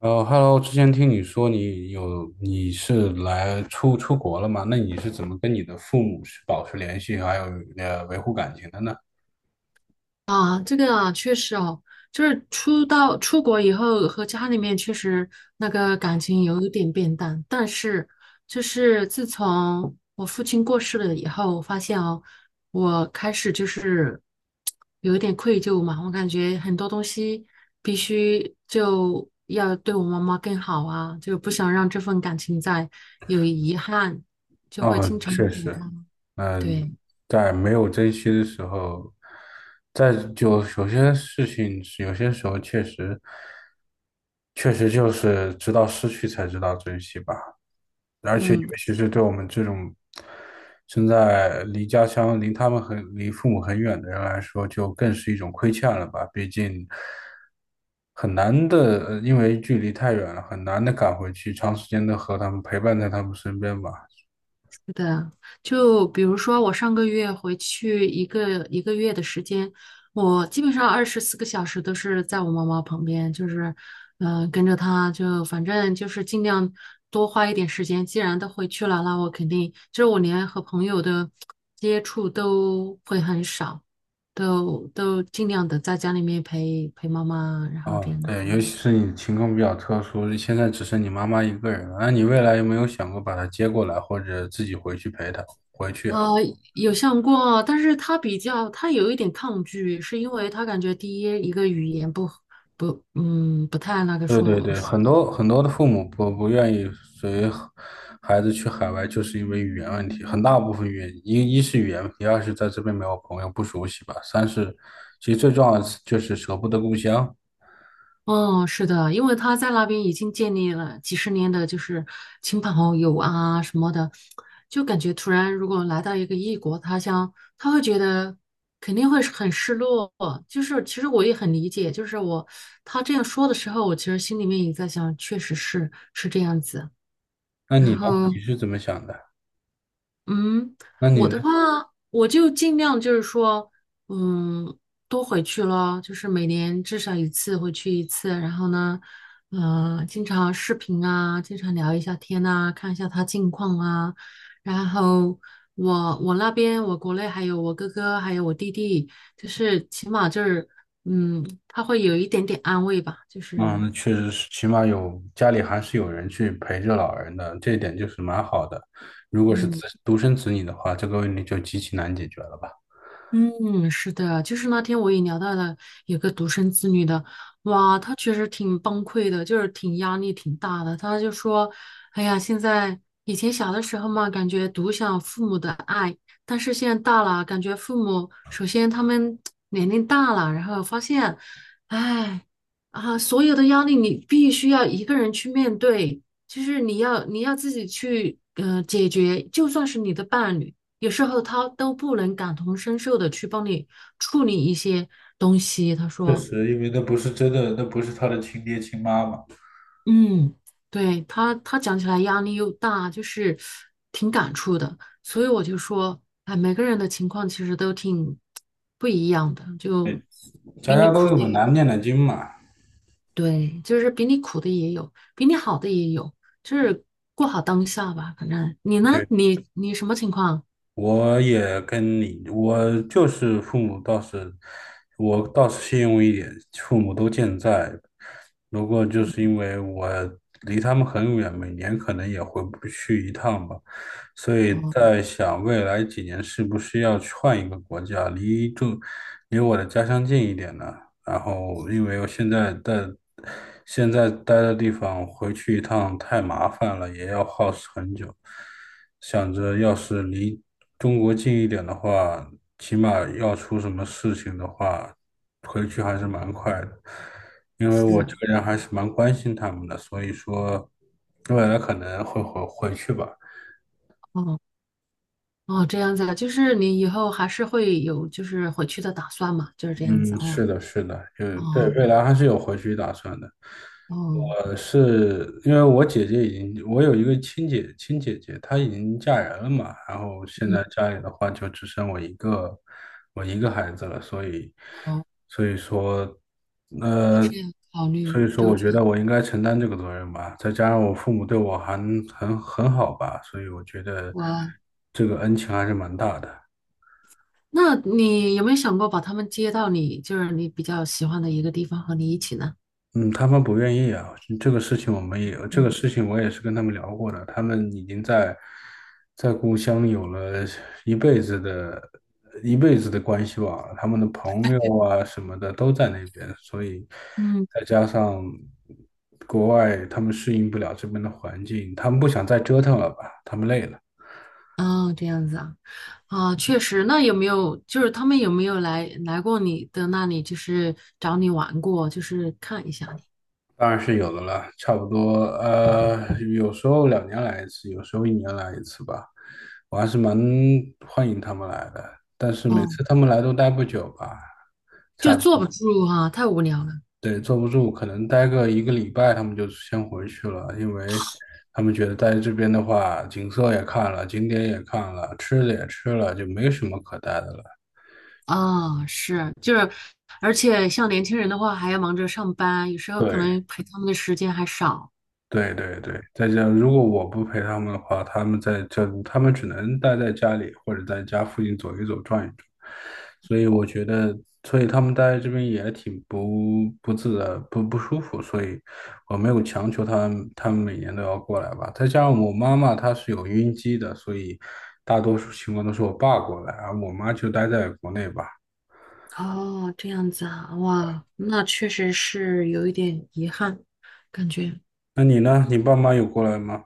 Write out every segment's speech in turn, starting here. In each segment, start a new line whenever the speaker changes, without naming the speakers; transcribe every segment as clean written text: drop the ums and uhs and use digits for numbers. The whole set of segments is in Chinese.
Hello，之前听你说你有你是来出国了吗？那你是怎么跟你的父母是保持联系，还有维护感情的呢？
啊，这个啊，确实哦，就是出国以后和家里面确实那个感情有一点变淡，但是就是自从我父亲过世了以后，我发现哦，我开始就是有一点愧疚嘛，我感觉很多东西必须就要对我妈妈更好啊，就不想让这份感情再有遗憾。
啊，确实。嗯。
对，
在没有珍惜的时候，在就有些事情是有些时候确实就是直到失去才知道珍惜吧。而且尤
嗯，
其是对我们这种现在离家乡、离他们很、离父母很远的人来说，就更是一种亏欠了吧？毕竟很难的，因为距离太远了，很难的赶回去，长时间的和他们陪伴在他们身边吧。
是的，就比如说我上个月回去一个月的时间，我基本上24个小时都是在我妈妈旁边，就是，跟着她就反正就是尽量多花一点时间。既然都回去了，那我肯定就是我连和朋友的接触都会很少，都尽量的在家里面陪陪妈妈，然后
哦，
这样子。
对，尤其是你情况比较特殊，现在只剩你妈妈一个人了，那你未来有没有想过把她接过来，或者自己回去陪她？
呃，有想过，但是他比较，他有一点抗拒，是因为他感觉第一个语言不太那个
对对
说，
对，很多很多的父母不愿意随孩子去海外，就是因为语言问题，很大部分原因，一是语言问题，二是在这边没有朋友，不熟悉吧，三是其实最重要的是就是舍不得故乡。
哦，是的，因为他在那边已经建立了几十年的，就是亲朋好友啊什么的，就感觉突然如果来到一个异国他乡，他会觉得肯定会是很失落。就是其实我也很理解，就是他这样说的时候，我其实心里面也在想，确实是这样子。
那
然
你呢？
后，
你是怎么想的？
嗯，
那你
我
呢？
的话，我就尽量就是说，嗯，多回去咯，就是每年至少一次回去一次，然后呢，经常视频啊，经常聊一下天呐，看一下他近况啊。然后我我那边我国内还有我哥哥还有我弟弟，就是起码就是，他会有一点点安慰吧，就
嗯，
是
那确实是，起码有家里还是有人去陪着老人的，这一点就是蛮好的。如果是子
嗯，
独生子女的话，这个问题就极其难解决了吧。
嗯，是的，就是那天我也聊到了有个独生子女的，哇，他确实挺崩溃的，就是挺压力挺大的。他就说，哎呀，以前小的时候嘛，感觉独享父母的爱，但是现在大了，感觉父母首先他们 年龄大了，然后发现，哎，啊，所有的压力你必须要一个人去面对，就是你要自己去解决，就算是你的伴侣。有时候他都不能感同身受的去帮你处理一些东西。他
确
说，
实，因为那不是真的，那不是他的亲爹亲妈嘛。
嗯，对，他讲起来压力又大，就是挺感触的。所以我就说，哎，每个人的情况其实都挺不一样的，就
家
比你
家都
苦
有
的
本
也，
难念的经嘛。
对，就是比你苦的也有，比你好的也有，就是过好当下吧。反正你呢，
对，
你什么情况？
我也跟你，我就是父母倒是，我倒是信用一点，父母都健在。不过就是因为我离他们很远，每年可能也回不去一趟吧。所以
哦，
在想未来几年是不是要去换一个国家，离我的家乡近一点呢？然后因为我现在待的地方回去一趟太麻烦了，也要耗时很久。想着要是离中国近一点的话，起码要出什么事情的话，回去还是蛮快的。因为我
是。
这个人还是蛮关心他们的，所以说未来可能会回去吧。
哦。哦，这样子啊，就是你以后还是会有就是回去的打算嘛，就是这样子
嗯，
哦，
是的，是的，嗯，对，
哦
未来还是有回去打算的。
哦，
我是因为我姐姐已经，我有一个亲姐姐，她已经嫁人了嘛，然后现
嗯，
在家里的话就只剩我一个，我一个孩子了，所以，
哦，
所以说，呃，
这样考
所
虑
以说
周
我觉
全，
得我应该承担这个责任吧，再加上我父母对我还很好吧，所以我觉得
哇哦，
这个恩情还是蛮大的。
那你有没有想过把他们接到你就是你比较喜欢的一个地方和你一起呢？
嗯，他们不愿意啊，这个事情我们也，这个
嗯
事情我也是跟他们聊过的，他们已经在故乡有了一辈子的一辈子的关系网了他们的朋友啊什么的都在那边，所以
嗯，
再加上国外他们适应不了这边的环境，他们不想再折腾了吧，他们累了。
哦，这样子啊，啊，确实，那有没有就是他们有没有来过你的那里，就是找你玩过，就是看一下你？
当然是有的了，差不多，呃，有时候两年来一次，有时候一年来一次吧。我还是蛮欢迎他们来的，但是每
哦，
次他们来都待不久吧，
就
差，
坐不住啊，太无聊了。
对，坐不住，可能待个一个礼拜，他们就先回去了，因为他们觉得待这边的话，景色也看了，景点也看了，吃的也吃了，就没什么可待的了。
啊，是，就是，而且像年轻人的话，还要忙着上班，有时候可
对。
能陪他们的时间还少。
对对对，再加上如果我不陪他们的话，他们在这，他们只能待在家里或者在家附近走一走、转一转。所以我觉得，所以他们待在这边也挺不自在、不舒服。所以我没有强求他们每年都要过来吧。再加上我妈妈她是有晕机的，所以大多数情况都是我爸过来，而我妈就待在国内吧。
哦，这样子啊，哇，那确实是有一点遗憾，感觉。
那你呢？你爸妈有过来吗？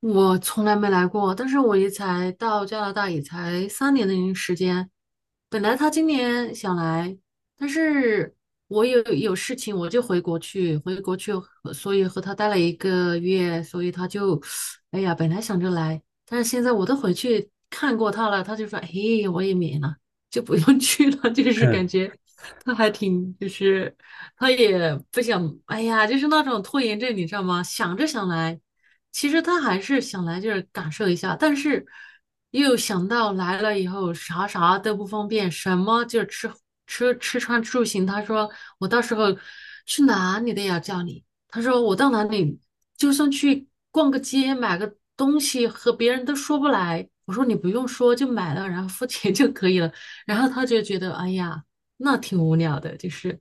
我从来没来过，但是我也才到加拿大也才3年的时间。本来他今年想来，但是我有事情，我就回国去和所以和他待了一个月，所以他就，哎呀，本来想着来，但是现在我都回去看过他了，他就说，嘿，我也免了，就不用 去了，就是感 觉他还挺，就是他也不想，哎呀，就是那种拖延症，你知道吗？想着想来。其实他还是想来这儿感受一下，但是又想到来了以后啥啥都不方便，什么就吃穿住行。他说我到时候去哪里都要叫你。他说我到哪里，就算去逛个街买个东西，和别人都说不来。我说你不用说，就买了，然后付钱就可以了。然后他就觉得哎呀，那挺无聊的，就是，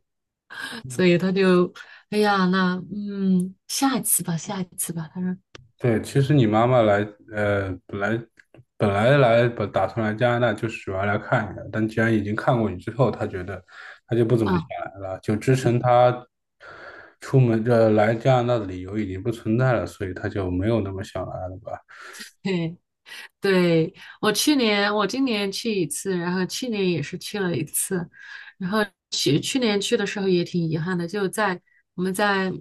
所以他就哎呀，那下一次吧，下一次吧。他说。
对，其实你妈妈来，呃，本来本打算来加拿大就是主要来看你的，但既然已经看过你之后，她觉得她就不怎么想
啊。
来了，就支撑她出门这来加拿大的理由已经不存在了，所以她就没有那么想来了吧，
对，对，我今年去一次，然后去年也是去了一次。去年去的时候也挺遗憾的，就在我们在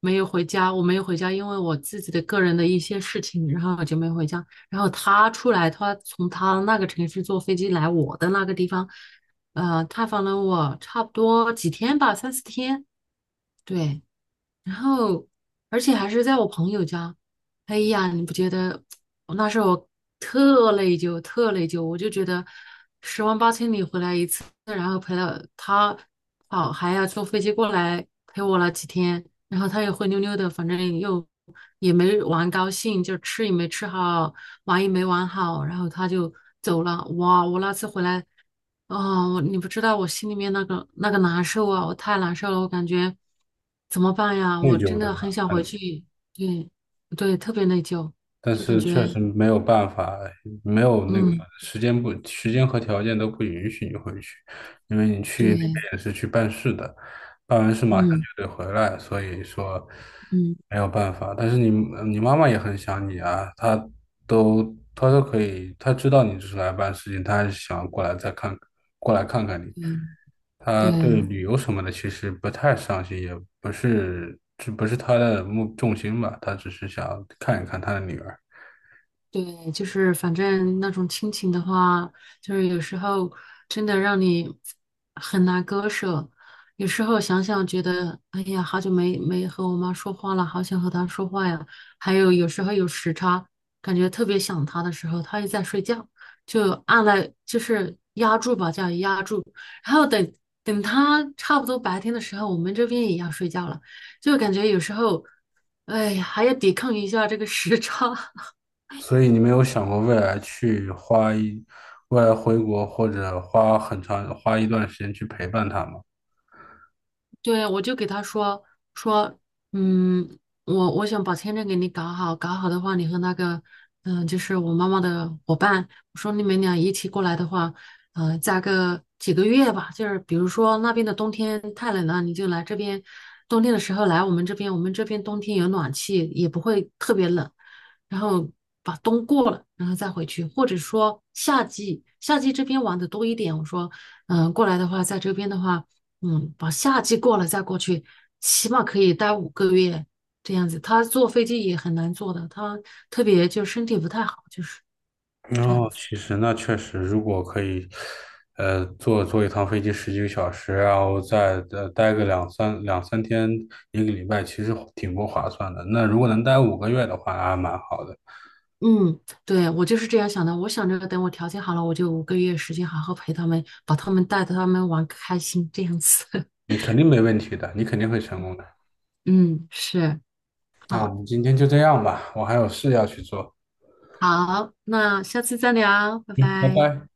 没有回家，我没有回家，因为我自己的个人的一些事情，然后我就没有回家。然后他出来，他从他那个城市坐飞机来我的那个地方，探访了我差不多几天吧，三四天。对，然后而且还是在我朋友家。哎呀，你不觉得？那时候我特内疚，特内疚，我就觉得十万八千里回来一次，然后陪了他跑，还要坐飞机过来陪我了几天，然后他又灰溜溜的，反正又也没玩高兴，就吃也没吃好，玩也没玩好，然后他就走了。哇，我那次回来。哦，你不知道我心里面那个难受啊，我太难受了，我感觉怎么办呀？
内
我
疚
真
对
的
吧？
很想回
嗯，
去，对对，特别内疚，
但
就感
是确
觉
实没有办法，没有那个
嗯，
时间不时间和条件都不允许你回去，因为你去那边
对，
也是去办事的。办完事马上
嗯
就得回来，所以说
嗯
没有办法。但是你你妈妈也很想你啊，都她都可以，她知道你只是来办事情，她还是想过来看看你。
对对。
她对旅游什么的其实不太上心，也不是她的目重心吧，她只是想看一看她的女儿。
对，就是反正那种亲情的话，就是有时候真的让你很难割舍。有时候想想觉得，哎呀，好久没和我妈说话了，好想和她说话呀。还有有时候有时差，感觉特别想她的时候，她又在睡觉，就按了就是压住吧，叫压住。然后等等她差不多白天的时候，我们这边也要睡觉了，就感觉有时候，哎呀，还要抵抗一下这个时差。
所以你没有想过未来去花一，未来回国或者花很长花一段时间去陪伴他吗？
对，我就给他说说，嗯，我想把签证给你搞好，搞好的话，你和那个，就是我妈妈的伙伴，我说你们俩一起过来的话，加个几个月吧，就是比如说那边的冬天太冷了，你就来这边，冬天的时候来我们这边，我们这边冬天有暖气，也不会特别冷，然后把冬过了，然后再回去，或者说夏季这边玩的多一点，我说，过来的话，在这边的话。把夏季过了再过去，起码可以待五个月这样子。他坐飞机也很难坐的，他特别就身体不太好，就是这样
哦，
子。
其实那确实，如果可以，坐一趟飞机十几个小时，然后再待个两三天，一个礼拜，其实挺不划算的。那如果能待5个月的话，那还蛮好的。
嗯，对，我就是这样想的。我想着等我条件好了，我就五个月时间好好陪他们，把他们带着他们玩开心这样子。
你肯定没问题的，你肯定会成功的。
嗯，是，
那我
好，
们今天就这样吧，我还有事要去做，
好，那下次再聊，拜
拜
拜。
拜。